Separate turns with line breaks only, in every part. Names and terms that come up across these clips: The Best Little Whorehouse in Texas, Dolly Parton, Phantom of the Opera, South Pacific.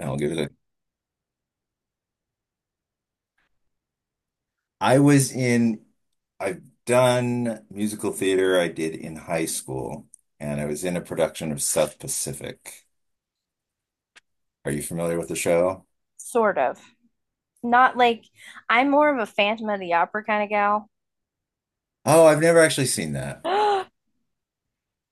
I'll give it a. I was in, I've done musical theater I did in high school, and I was in a production of South Pacific. Are you familiar with the show?
Sort of. Not like I'm more of a Phantom of the Opera kind of gal.
Oh, I've never actually seen that.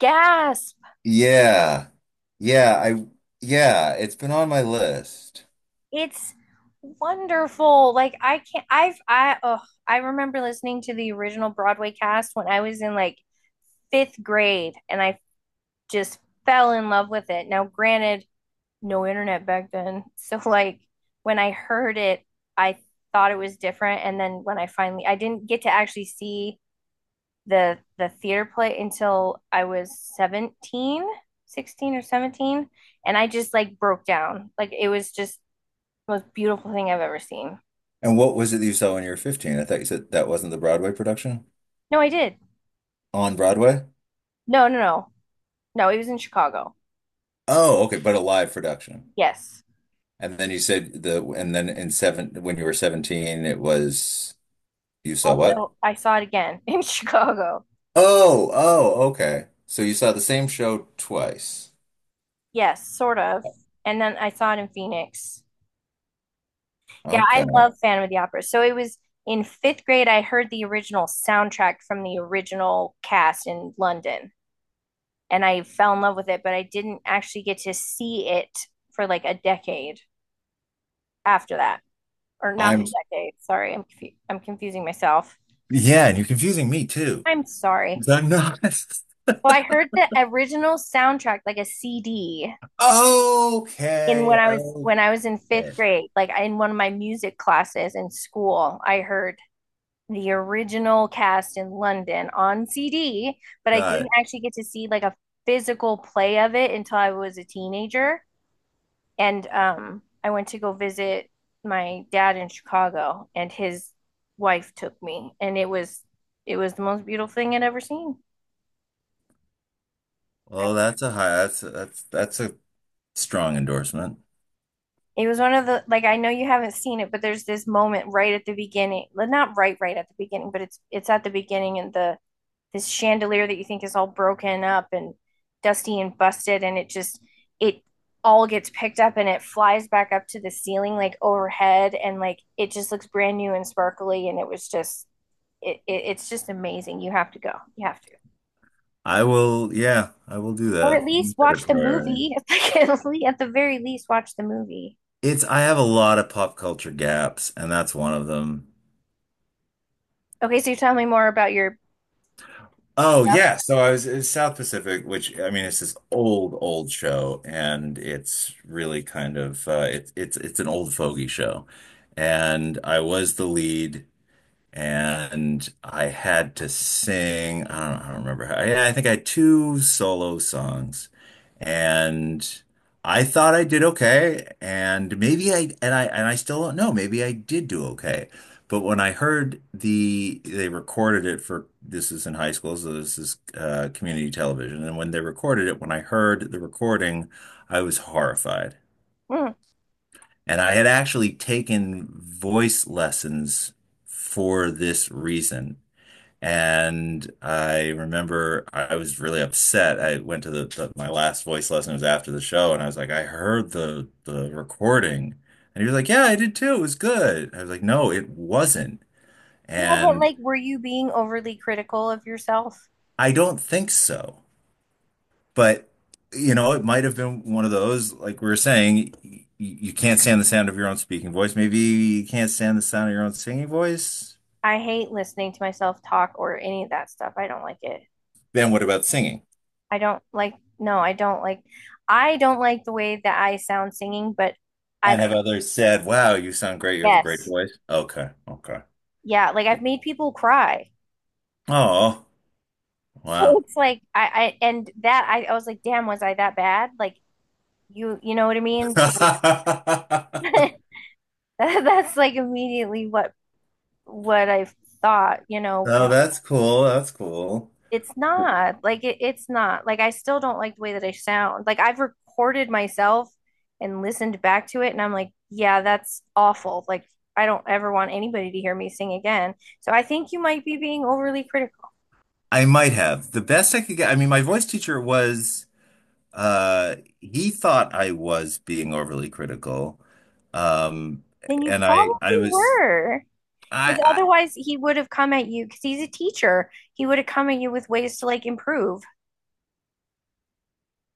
Gasp!
Yeah. Yeah, I yeah, it's been on my list.
It's wonderful. Like I can't I've I oh I remember listening to the original Broadway cast when I was in like fifth grade and I just fell in love with it. Now, granted, no internet back then. So like when I heard it, I thought it was different. And then when I finally I didn't get to actually see the theater play until I was 17, 16 or 17, and I just like broke down. Like it was just the most beautiful thing I've ever seen.
And what was it that you saw when you were 15? I thought you said that wasn't the Broadway production?
No, I did.
On Broadway?
No, no, no. No, it was in Chicago.
Oh, okay, but a live production.
Yes.
And then you said the and then in seven when you were 17 it was you saw what?
Also, I saw it again in Chicago.
Oh, oh, okay. So you saw the same show twice.
Yes, sort of. And then I saw it in Phoenix. Yeah, I
Okay.
love Phantom of the Opera. So it was in fifth grade, I heard the original soundtrack from the original cast in London. And I fell in love with it, but I didn't actually get to see it for like a decade after that, or not a
I'm,
decade. Sorry, I'm confusing myself.
yeah, and you're confusing me too.
I'm
'Cause
sorry.
I'm not.
So I heard the original soundtrack like a CD in
Okay.
when I was in
Okay.
fifth grade, like in one of my music classes in school. I heard the original cast in London on CD, but I
Got
didn't
it.
actually get to see like a physical play of it until I was a teenager. And I went to go visit my dad in Chicago, and his wife took me, and it was the most beautiful thing I'd ever seen.
Well, that's a high, that's a strong endorsement.
It was one of the like, I know you haven't seen it, but there's this moment right at the beginning. Well, not right at the beginning, but it's at the beginning. In the this chandelier that you think is all broken up and dusty and busted, and it just it all gets picked up and it flies back up to the ceiling like overhead, and like it just looks brand new and sparkly, and it was just it's just amazing. You have to go. You have to
I will, yeah, I will do
or at
that. I'll
least
make that a
watch the
priority.
movie, at, the very least watch the movie.
It's, I have a lot of pop culture gaps, and that's one of them.
Okay, so tell me more about your
Oh
Yep.
yeah, so I was in South Pacific, which I mean, it's this old, old show, and it's really kind of it's an old fogey show, and I was the lead, and I had to sing. I don't remember. I think I had two solo songs, and I thought I did okay. And maybe I still don't know. Maybe I did do okay. But when I heard the they recorded it for this is in high school, so this is community television. And when they recorded it, when I heard the recording, I was horrified.
Mm.
And I had actually taken voice lessons for this reason. And I remember I was really upset. I went to the my last voice lesson was after the show, and I was like, I heard the recording, and he was like, yeah, I did too. It was good. I was like, no, it wasn't,
Yeah, but
and
like, were you being overly critical of yourself?
I don't think so. But you know, it might have been one of those, like we were saying, you can't stand the sound of your own speaking voice. Maybe you can't stand the sound of your own singing voice.
I hate listening to myself talk or any of that stuff. I don't like it.
Then what about singing?
I don't like, no, I don't like, I don't like the way that I sound singing, but I've,
And have others said, wow, you sound great. You have a great
yes,
voice. Okay, okay.
yeah, like I've made people cry.
Oh,
So
wow.
it's like, and that, I was like, damn, was I that bad? Like, you know what I mean? That's like immediately what I thought, you know,
Oh, that's cool. That's cool.
it's not like it's not like I still don't like the way that I sound. Like I've recorded myself and listened back to it, and I'm like, yeah, that's awful. Like I don't ever want anybody to hear me sing again. So I think you might be being overly critical.
I might have. The best I could get, I mean, my voice teacher was, he thought I was being overly critical. Um,
Then you
I
probably
was,
were. Because
I,
otherwise, he would have come at you because he's a teacher. He would have come at you with ways to like improve.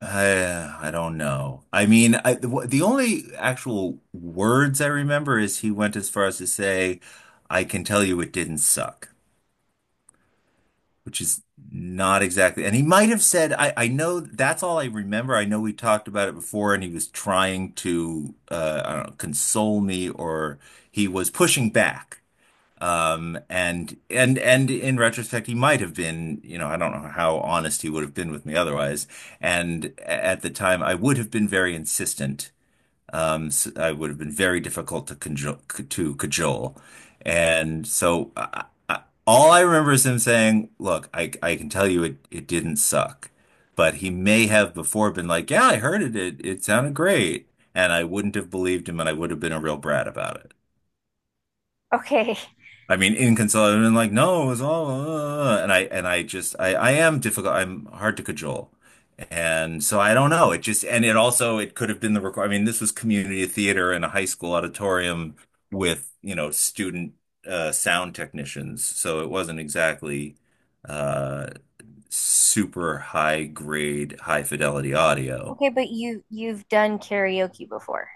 I don't know. I mean, I, the only actual words I remember is he went as far as to say, I can tell you it didn't suck. Which is not exactly. And he might have said, I know that's all I remember. I know we talked about it before, and he was trying to, I don't know, console me, or he was pushing back. And in retrospect, he might have been, you know, I don't know how honest he would have been with me otherwise. And at the time, I would have been very insistent. So I would have been very difficult to cajole. And so I, all I remember is him saying, "Look, I can tell you it didn't suck." But he may have before been like, "Yeah, I heard it. It sounded great." And I wouldn't have believed him and I would have been a real brat about it.
Okay.
I mean, inconsolable and like, no, it's all, and I just, I am difficult. I'm hard to cajole. And so I don't know. And it also, it could have been the record. I mean, this was community theater in a high school auditorium with, you know, sound technicians. So it wasn't exactly, uh, super high grade, high fidelity audio.
Okay, but you've done karaoke before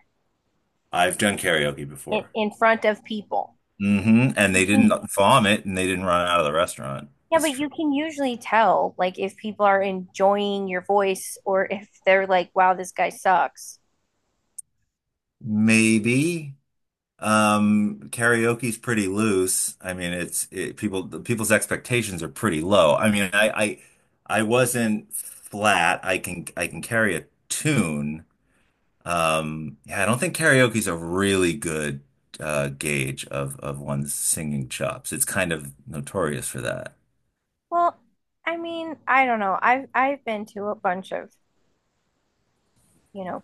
I've done karaoke before.
in front of people.
And
You
they didn't
can
vomit and they didn't run out of the restaurant.
yeah,
It's
but
true.
you can usually tell like if people are enjoying your voice or if they're like, wow, this guy sucks.
Maybe. Karaoke's pretty loose. I mean, it's it, people the people's expectations are pretty low. I wasn't flat. I can carry a tune. Yeah, I don't think karaoke's a really good gauge of one's singing chops. It's kind of notorious for that.
Well, I mean, I don't know. I've been to a bunch of, you know,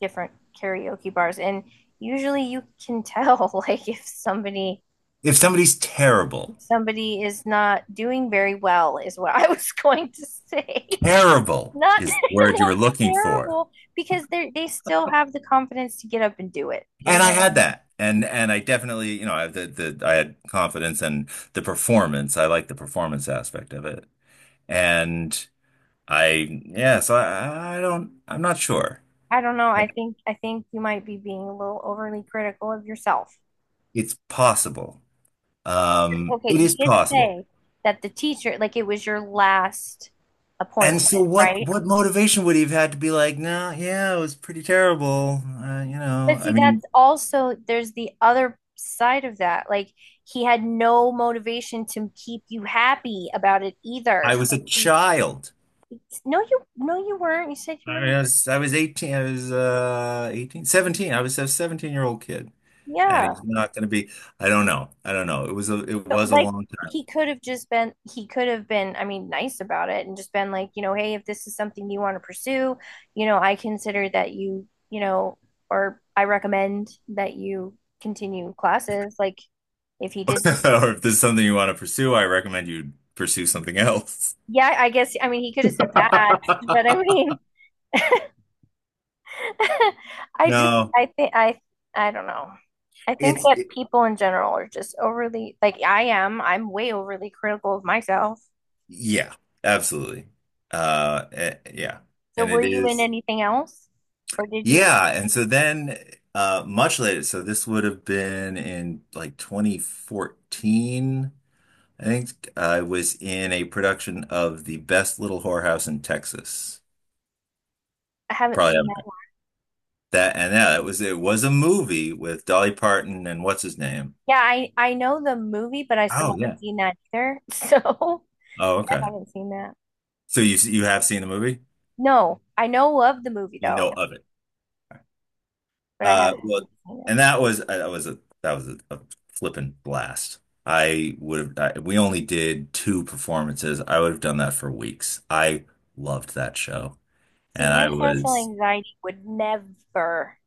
different karaoke bars, and usually you can tell like
If somebody's terrible,
if somebody is not doing very well is what I was going to say.
terrible
Not,
is the word you were
not
looking for.
terrible, because they still have the confidence to get up and do it. You know
And I
what I
had
mean?
that. And I definitely, you know, I had confidence in the performance. I like the performance aspect of it. And I yeah, so I'm not sure.
I don't know. I think you might be being a little overly critical of yourself.
It's possible.
Okay,
It
you
is
did
possible.
say that the teacher, like it was your last
And so
appointment, right?
what motivation would he have had to be like, no, yeah, it was pretty terrible. You
But
know, I
see,
mean,
that's also there's the other side of that. Like he had no motivation to keep you happy about it either.
I was a
So he,
child.
no, you no, you weren't. You said you were.
I was 18, I was 18, 17 I was a 17-year-old kid. And
Yeah.
he's not going to be, I don't know. I don't know. It was
But
a
like,
long time.
he could have just been he could have been, I mean, nice about it and just been like, you know, hey, if this is something you want to pursue, you know, I consider that you know, or I recommend that you continue classes. Like if he did,
Or if this is something you want to pursue, I recommend you pursue something else.
yeah, I guess, I mean, he could have said that, but I mean,
No,
I think I don't know. I think
it's
that
it,
people in general are just overly, like, I am, I'm way overly critical of myself.
yeah, absolutely. Yeah.
So
And
were
it
you in
is
anything else or did you
yeah, and so then much later, so this would have been in like 2014. I think I was in a production of The Best Little Whorehouse in Texas.
I haven't
Probably
seen
haven't heard
that.
that and yeah, it was a movie with Dolly Parton and what's his name?
Yeah, I know the movie, but I
Oh
still
yeah.
haven't seen that either. So
Oh
I
okay.
haven't seen that.
So you have seen the movie?
No, I know of the movie
You know
though,
of it.
but I
Well
haven't seen
and
it.
that was that was a flippin' blast. I would have I, we only did two performances. I would have done that for weeks. I loved that show.
See,
And
my
I
social
was,
anxiety would never,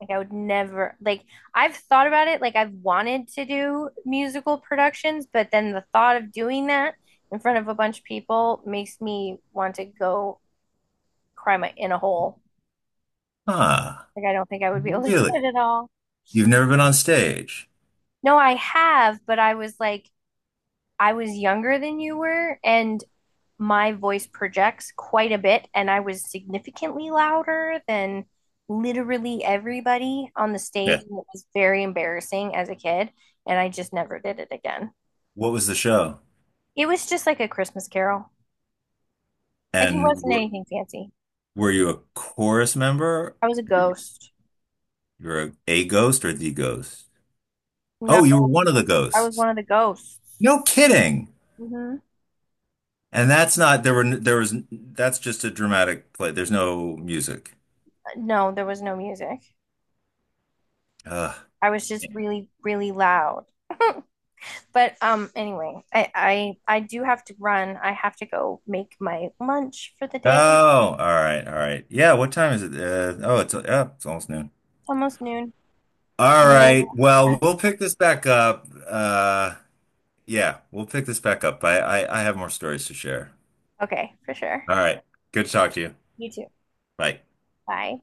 like, I would never, like, I've thought about it. Like, I've wanted to do musical productions, but then the thought of doing that in front of a bunch of people makes me want to go cry my in a hole.
ah,
Like, I don't think I would be able to do
really?
it at all.
You've never been on stage?
No, I have, but I was like, I was younger than you were, and my voice projects quite a bit, and I was significantly louder than literally everybody on the stage.
Yeah.
And it was very embarrassing as a kid, and I just never did it again.
What was the show?
It was just like a Christmas carol. Like it
And
wasn't anything fancy.
were you a chorus member?
I was a
You
ghost.
were a ghost or the ghost?
No,
Oh, you were one of the
I was
ghosts.
one of the ghosts.
No kidding.
Hmm.
And that's not there were n- there was that's just a dramatic play. There's no music.
No, there was no music.
Ugh.
I was just really, really loud. But anyway, I do have to run. I have to go make my lunch for the day. It's
Oh, all right, all right. Yeah, what time is it? It's almost noon.
almost noon.
All right.
So,
Well, we'll pick this back up. Yeah, we'll pick this back up. I have more stories to share.
okay, for sure.
All right. Good to talk to you.
You too.
Bye.
Bye.